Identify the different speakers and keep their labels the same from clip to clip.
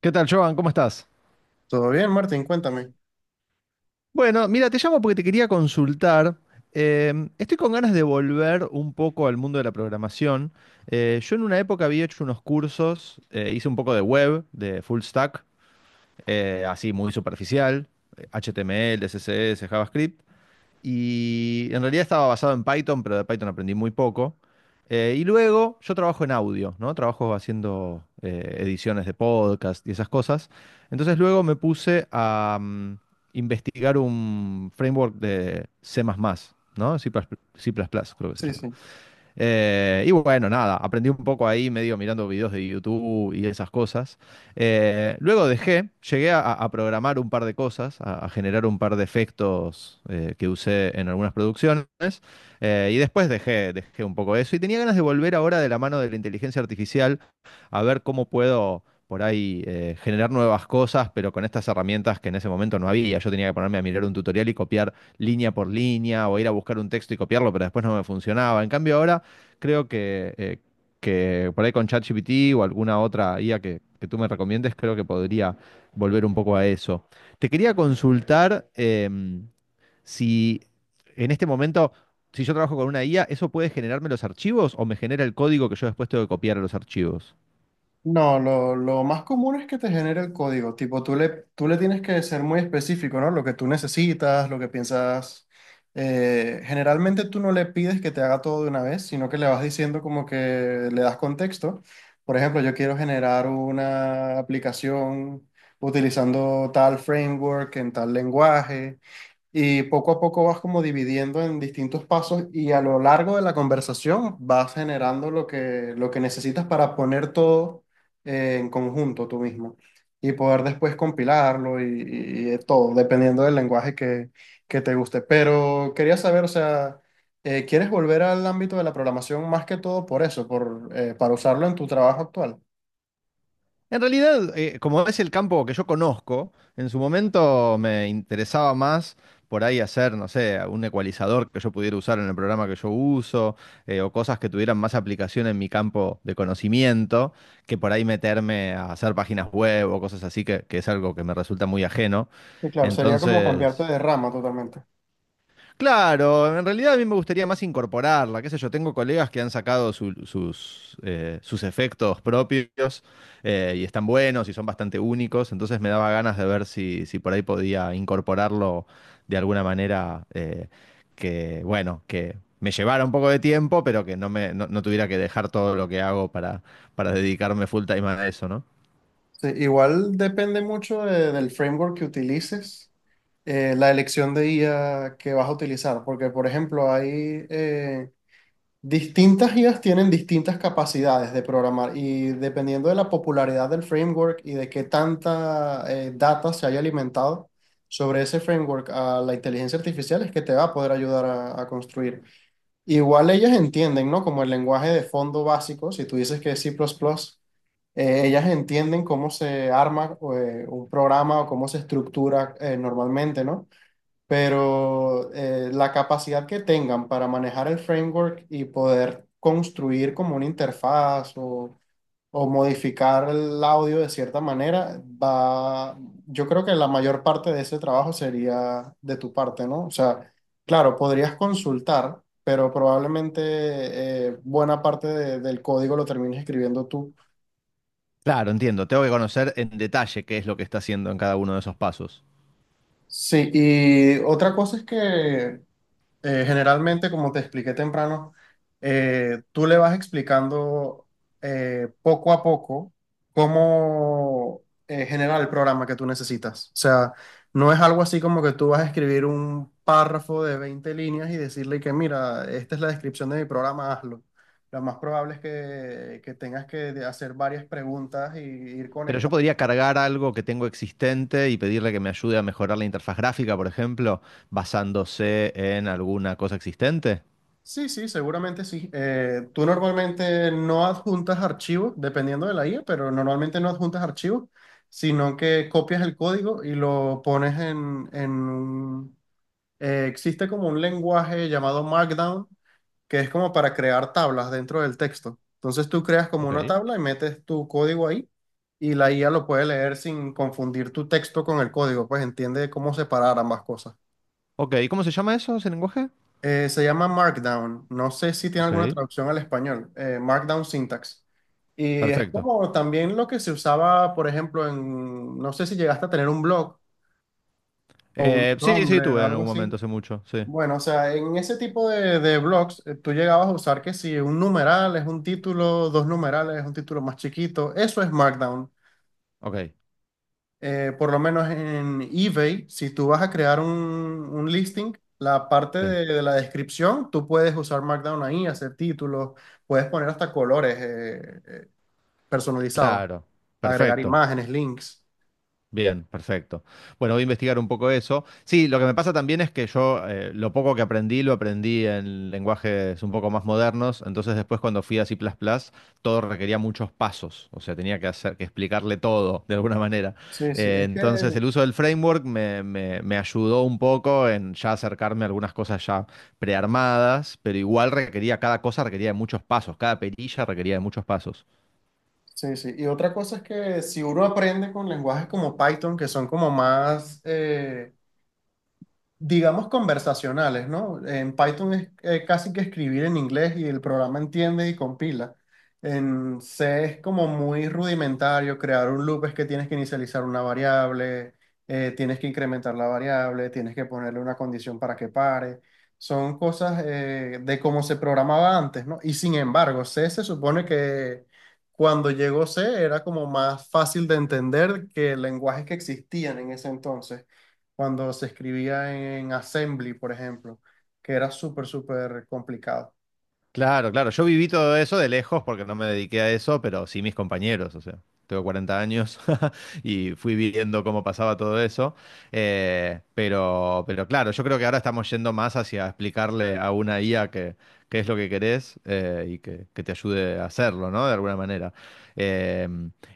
Speaker 1: ¿Qué tal, Joan? ¿Cómo estás?
Speaker 2: Todo bien, Martín, cuéntame.
Speaker 1: Bueno, mira, te llamo porque te quería consultar. Estoy con ganas de volver un poco al mundo de la programación. Yo en una época había hecho unos cursos, hice un poco de web, de full stack, así muy superficial, HTML, CSS, JavaScript, y en realidad estaba basado en Python, pero de Python aprendí muy poco. Y luego yo trabajo en audio, ¿no? Trabajo haciendo ediciones de podcast y esas cosas. Entonces luego me puse a investigar un framework de C++, ¿no? C++, creo que se
Speaker 2: Sí,
Speaker 1: llama.
Speaker 2: sí.
Speaker 1: Y bueno, nada, aprendí un poco ahí, medio mirando videos de YouTube y esas cosas. Luego dejé, llegué a programar un par de cosas, a generar un par de efectos que usé en algunas producciones. Y después dejé, dejé un poco eso. Y tenía ganas de volver ahora de la mano de la inteligencia artificial a ver cómo puedo por ahí generar nuevas cosas, pero con estas herramientas que en ese momento no había. Yo tenía que ponerme a mirar un tutorial y copiar línea por línea o ir a buscar un texto y copiarlo, pero después no me funcionaba. En cambio, ahora creo que por ahí con ChatGPT o alguna otra IA que tú me recomiendes, creo que podría volver un poco a eso. Te quería consultar si en este momento, si yo trabajo con una IA, ¿eso puede generarme los archivos o me genera el código que yo después tengo que copiar a los archivos?
Speaker 2: No, lo más común es que te genere el código. Tipo, tú le tienes que ser muy específico, ¿no? Lo que tú necesitas, lo que piensas. Generalmente tú no le pides que te haga todo de una vez, sino que le vas diciendo como que le das contexto. Por ejemplo, yo quiero generar una aplicación utilizando tal framework en tal lenguaje. Y poco a poco vas como dividiendo en distintos pasos y a lo largo de la conversación vas generando lo que necesitas para poner todo en conjunto tú mismo y poder después compilarlo y de todo, dependiendo del que te guste. Pero quería saber, o sea, ¿quieres volver al ámbito de la programación más que todo por eso, para usarlo en tu trabajo actual?
Speaker 1: En realidad, como es el campo que yo conozco, en su momento me interesaba más por ahí hacer, no sé, un ecualizador que yo pudiera usar en el programa que yo uso, o cosas que tuvieran más aplicación en mi campo de conocimiento, que por ahí meterme a hacer páginas web o cosas así, que es algo que me resulta muy ajeno.
Speaker 2: Sí, claro, sería como cambiarte
Speaker 1: Entonces,
Speaker 2: de rama totalmente.
Speaker 1: claro, en realidad a mí me gustaría más incorporarla, qué sé yo, tengo colegas que han sacado sus sus efectos propios y están buenos y son bastante únicos, entonces me daba ganas de ver si, si por ahí podía incorporarlo de alguna manera que, bueno, que me llevara un poco de tiempo, pero que no me, no, no tuviera que dejar todo lo que hago para dedicarme full time a eso, ¿no?
Speaker 2: Sí, igual depende mucho del framework que utilices la elección de IA que vas a utilizar, porque por ejemplo hay eh, distintas IAs tienen distintas capacidades de programar y dependiendo de la popularidad del framework y de qué tanta data se haya alimentado sobre ese framework a la inteligencia artificial es que te va a poder ayudar a construir. Igual ellas entienden, ¿no? Como el lenguaje de fondo básico, si tú dices que es C++, ellas entienden cómo se arma un programa o cómo se estructura normalmente, ¿no? Pero la capacidad que tengan para manejar el framework y poder construir como una interfaz o modificar el audio de cierta manera, va, yo creo que la mayor parte de ese trabajo sería de tu parte, ¿no? O sea, claro, podrías consultar, pero probablemente buena parte del código lo termines escribiendo tú.
Speaker 1: Claro, entiendo, tengo que conocer en detalle qué es lo que está haciendo en cada uno de esos pasos.
Speaker 2: Sí, y otra cosa es que generalmente, como te expliqué temprano, tú le vas explicando poco a poco cómo generar el programa que tú necesitas. O sea, no es algo así como que tú vas a escribir un párrafo de 20 líneas y decirle que, mira, esta es la descripción de mi programa, hazlo. Lo más probable es que tengas que hacer varias preguntas y ir
Speaker 1: Pero yo
Speaker 2: conectando.
Speaker 1: podría cargar algo que tengo existente y pedirle que me ayude a mejorar la interfaz gráfica, por ejemplo, basándose en alguna cosa existente.
Speaker 2: Sí, sí, seguramente sí. Tú normalmente no adjuntas archivos, dependiendo de la IA, pero normalmente no adjuntas archivos, sino que copias el código y lo pones en un- existe como un lenguaje llamado Markdown, que es como para crear tablas dentro del texto. Entonces tú creas como una
Speaker 1: Ok.
Speaker 2: tabla y metes tu código ahí y la IA lo puede leer sin confundir tu texto con el código, pues entiende cómo separar ambas cosas.
Speaker 1: Ok, ¿cómo se llama eso, ese lenguaje?
Speaker 2: Se llama Markdown. No sé si tiene
Speaker 1: Ok,
Speaker 2: alguna traducción al español. Markdown Syntax. Y es
Speaker 1: perfecto.
Speaker 2: como también lo que se usaba, por ejemplo, en, no sé si llegaste a tener un blog o un
Speaker 1: Sí, sí,
Speaker 2: Tumblr,
Speaker 1: tuve en
Speaker 2: algo
Speaker 1: algún
Speaker 2: así.
Speaker 1: momento, hace mucho, sí.
Speaker 2: Bueno, o sea, en ese tipo de blogs, tú llegabas a usar que si un numeral es un título, dos numerales es un título más chiquito, eso es Markdown.
Speaker 1: Ok,
Speaker 2: Por lo menos en eBay, si tú vas a crear un listing, la parte
Speaker 1: sí.
Speaker 2: de la descripción, tú puedes usar Markdown ahí, hacer títulos, puedes poner hasta colores personalizados,
Speaker 1: Claro,
Speaker 2: agregar
Speaker 1: perfecto.
Speaker 2: imágenes, links.
Speaker 1: Bien, perfecto. Bueno, voy a investigar un poco eso. Sí, lo que me pasa también es que yo lo poco que aprendí lo aprendí en lenguajes un poco más modernos, entonces después cuando fui a C++, todo requería muchos pasos, o sea, tenía que hacer que explicarle todo de alguna manera.
Speaker 2: Sí, sí, es que,
Speaker 1: Entonces el uso del framework me ayudó un poco en ya acercarme a algunas cosas ya prearmadas, pero igual requería, cada cosa requería de muchos pasos, cada perilla requería de muchos pasos.
Speaker 2: sí, sí. Y otra cosa es que si uno aprende con lenguajes como Python, que son como más, digamos, conversacionales, ¿no? En Python es casi que escribir en inglés y el programa entiende y compila. En C es como muy rudimentario, crear un loop es que tienes que inicializar una variable, tienes que incrementar la variable, tienes que ponerle una condición para que pare. Son cosas de cómo se programaba antes, ¿no? Y sin embargo, C se supone que cuando llegó C era como más fácil de entender que lenguajes que existían en ese entonces cuando se escribía en Assembly, por ejemplo, que era súper, súper complicado.
Speaker 1: Claro, claro. Yo viví todo eso de lejos porque no me dediqué a eso, pero sí mis compañeros, o sea, tengo 40 años y fui viviendo cómo pasaba todo eso. Pero claro, yo creo que ahora estamos yendo más hacia explicarle a una IA qué es lo que querés y que te ayude a hacerlo, ¿no? De alguna manera. Eh,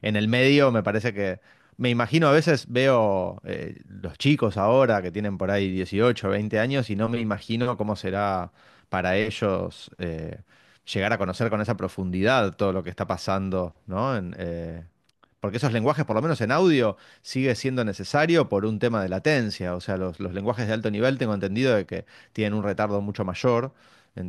Speaker 1: en el medio me parece que… Me imagino, a veces veo los chicos ahora que tienen por ahí 18, 20 años y no me imagino cómo será para ellos llegar a conocer con esa profundidad todo lo que está pasando, ¿no? Porque esos lenguajes, por lo menos en audio, sigue siendo necesario por un tema de latencia. O sea, los lenguajes de alto nivel tengo entendido de que tienen un retardo mucho mayor.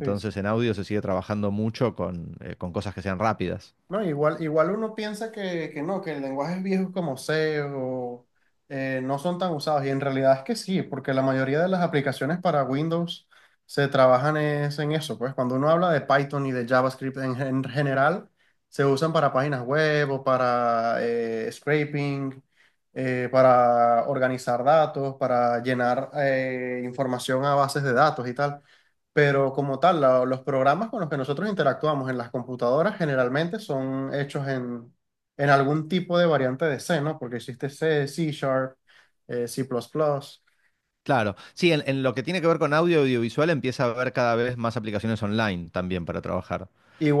Speaker 2: Sí, sí.
Speaker 1: en audio se sigue trabajando mucho con cosas que sean rápidas.
Speaker 2: No, igual, igual uno piensa que no, que el lenguajes viejo como C o no son tan usados. Y en realidad es que sí, porque la mayoría de las aplicaciones para Windows se trabajan es en eso. Pues cuando uno habla de Python y de JavaScript en general, se usan para páginas web o para scraping, para organizar datos, para llenar información a bases de datos y tal. Pero como tal, los programas con los que nosotros interactuamos en las computadoras generalmente son hechos en algún tipo de variante de C, ¿no? Porque existe C, C Sharp, C++.
Speaker 1: Claro, sí, en lo que tiene que ver con audio y audiovisual empieza a haber cada vez más aplicaciones online también para trabajar,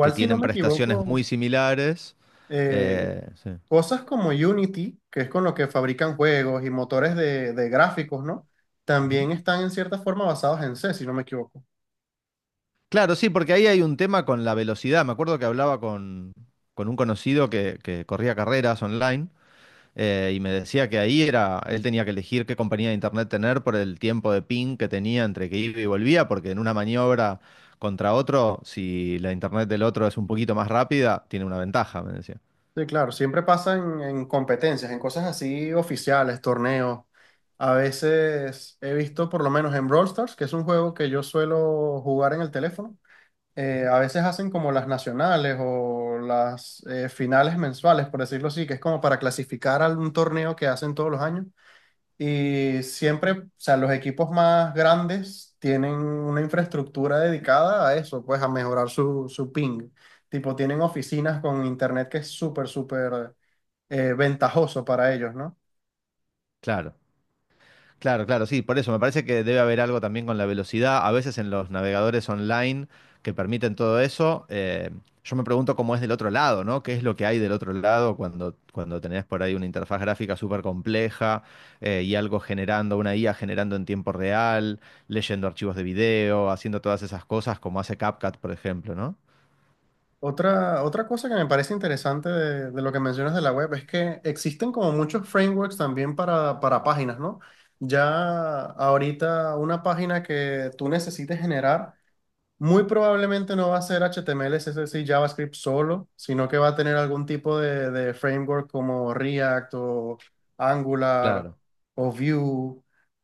Speaker 1: que
Speaker 2: si no
Speaker 1: tienen
Speaker 2: me
Speaker 1: prestaciones
Speaker 2: equivoco,
Speaker 1: muy similares.
Speaker 2: eh,
Speaker 1: Sí.
Speaker 2: cosas como Unity, que es con lo que fabrican juegos y motores de gráficos, ¿no?
Speaker 1: Ujú.
Speaker 2: También están en cierta forma basados en C, si no me equivoco.
Speaker 1: Claro, sí, porque ahí hay un tema con la velocidad. Me acuerdo que hablaba con un conocido que corría carreras online y me decía que ahí era, él tenía que elegir qué compañía de internet tener por el tiempo de ping que tenía entre que iba y volvía, porque en una maniobra contra otro, si la internet del otro es un poquito más rápida, tiene una ventaja, me decía.
Speaker 2: Sí, claro, siempre pasa en competencias, en cosas así oficiales, torneos. A veces he visto, por lo menos en Brawl Stars, que es un juego que yo suelo jugar en el teléfono, a veces hacen como las nacionales o las finales mensuales, por decirlo así, que es como para clasificar a un torneo que hacen todos los años. Y siempre, o sea, los equipos más grandes tienen una infraestructura dedicada a eso, pues a mejorar su ping. Tipo, tienen oficinas con internet que es súper, súper ventajoso para ellos, ¿no?
Speaker 1: Claro. Claro, claro, sí, por eso me parece que debe haber algo también con la velocidad. A veces en los navegadores online que permiten todo eso, yo me pregunto cómo es del otro lado, ¿no? ¿Qué es lo que hay del otro lado cuando, cuando tenés por ahí una interfaz gráfica súper compleja y algo generando, una IA generando en tiempo real, leyendo archivos de video, haciendo todas esas cosas como hace CapCut, por ejemplo, ¿no?
Speaker 2: Otra cosa que me parece interesante de lo que mencionas de la web es que existen como muchos frameworks también para páginas, ¿no? Ya ahorita una página que tú necesites generar. Muy probablemente no va a ser HTML, CSS y JavaScript solo, sino que va a tener algún tipo de framework como React o Angular
Speaker 1: Claro,
Speaker 2: o Vue.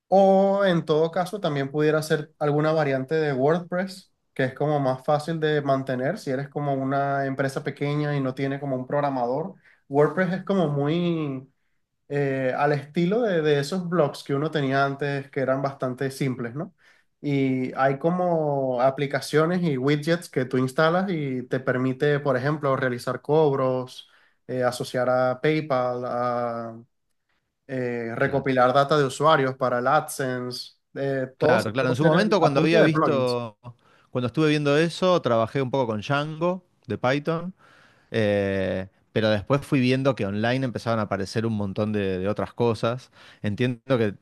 Speaker 2: O en todo caso, también pudiera ser alguna variante de WordPress, que es como más fácil de mantener si eres como una empresa pequeña y no tiene como un programador. WordPress es como muy al estilo de esos blogs que uno tenía antes, que eran bastante simples, ¿no? Y hay como aplicaciones y widgets que tú instalas y te permite, por ejemplo, realizar cobros, asociar a PayPal, a,
Speaker 1: claro.
Speaker 2: recopilar data de usuarios para el AdSense. Todo se
Speaker 1: Claro, claro.
Speaker 2: puede
Speaker 1: En su
Speaker 2: hacer en-
Speaker 1: momento,
Speaker 2: a
Speaker 1: cuando
Speaker 2: punta
Speaker 1: había
Speaker 2: de plugins.
Speaker 1: visto, cuando estuve viendo eso, trabajé un poco con Django de Python. Pero después fui viendo que online empezaban a aparecer un montón de otras cosas. Entiendo que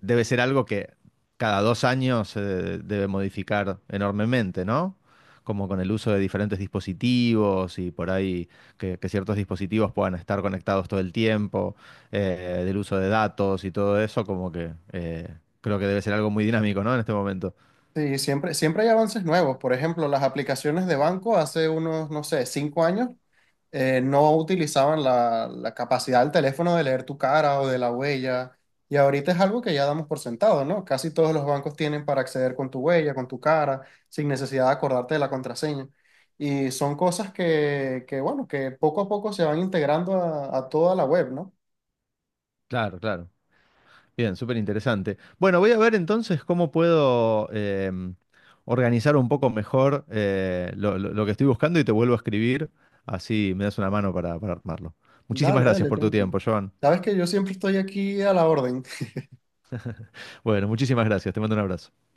Speaker 1: debe ser algo que cada 2 años se debe modificar enormemente, ¿no? Como con el uso de diferentes dispositivos y por ahí que ciertos dispositivos puedan estar conectados todo el tiempo, del uso de datos y todo eso, como que creo que debe ser algo muy dinámico, ¿no? En este momento.
Speaker 2: Sí, siempre, siempre hay avances nuevos. Por ejemplo, las aplicaciones de banco hace unos, no sé, 5 años no utilizaban la capacidad del teléfono de leer tu cara o de la huella. Y ahorita es algo que ya damos por sentado, ¿no? Casi todos los bancos tienen para acceder con tu huella, con tu cara, sin necesidad de acordarte de la contraseña. Y son cosas que bueno, que poco a poco se van integrando a toda la web, ¿no?
Speaker 1: Claro, claro. Bien, súper interesante. Bueno, voy a ver entonces cómo puedo organizar un poco mejor lo que estoy buscando y te vuelvo a escribir, así me das una mano para armarlo.
Speaker 2: Dale,
Speaker 1: Muchísimas gracias
Speaker 2: dale,
Speaker 1: por tu
Speaker 2: tranquilo.
Speaker 1: tiempo, Joan.
Speaker 2: Sabes que yo siempre estoy aquí a la orden.
Speaker 1: Bueno, muchísimas gracias, te mando un abrazo.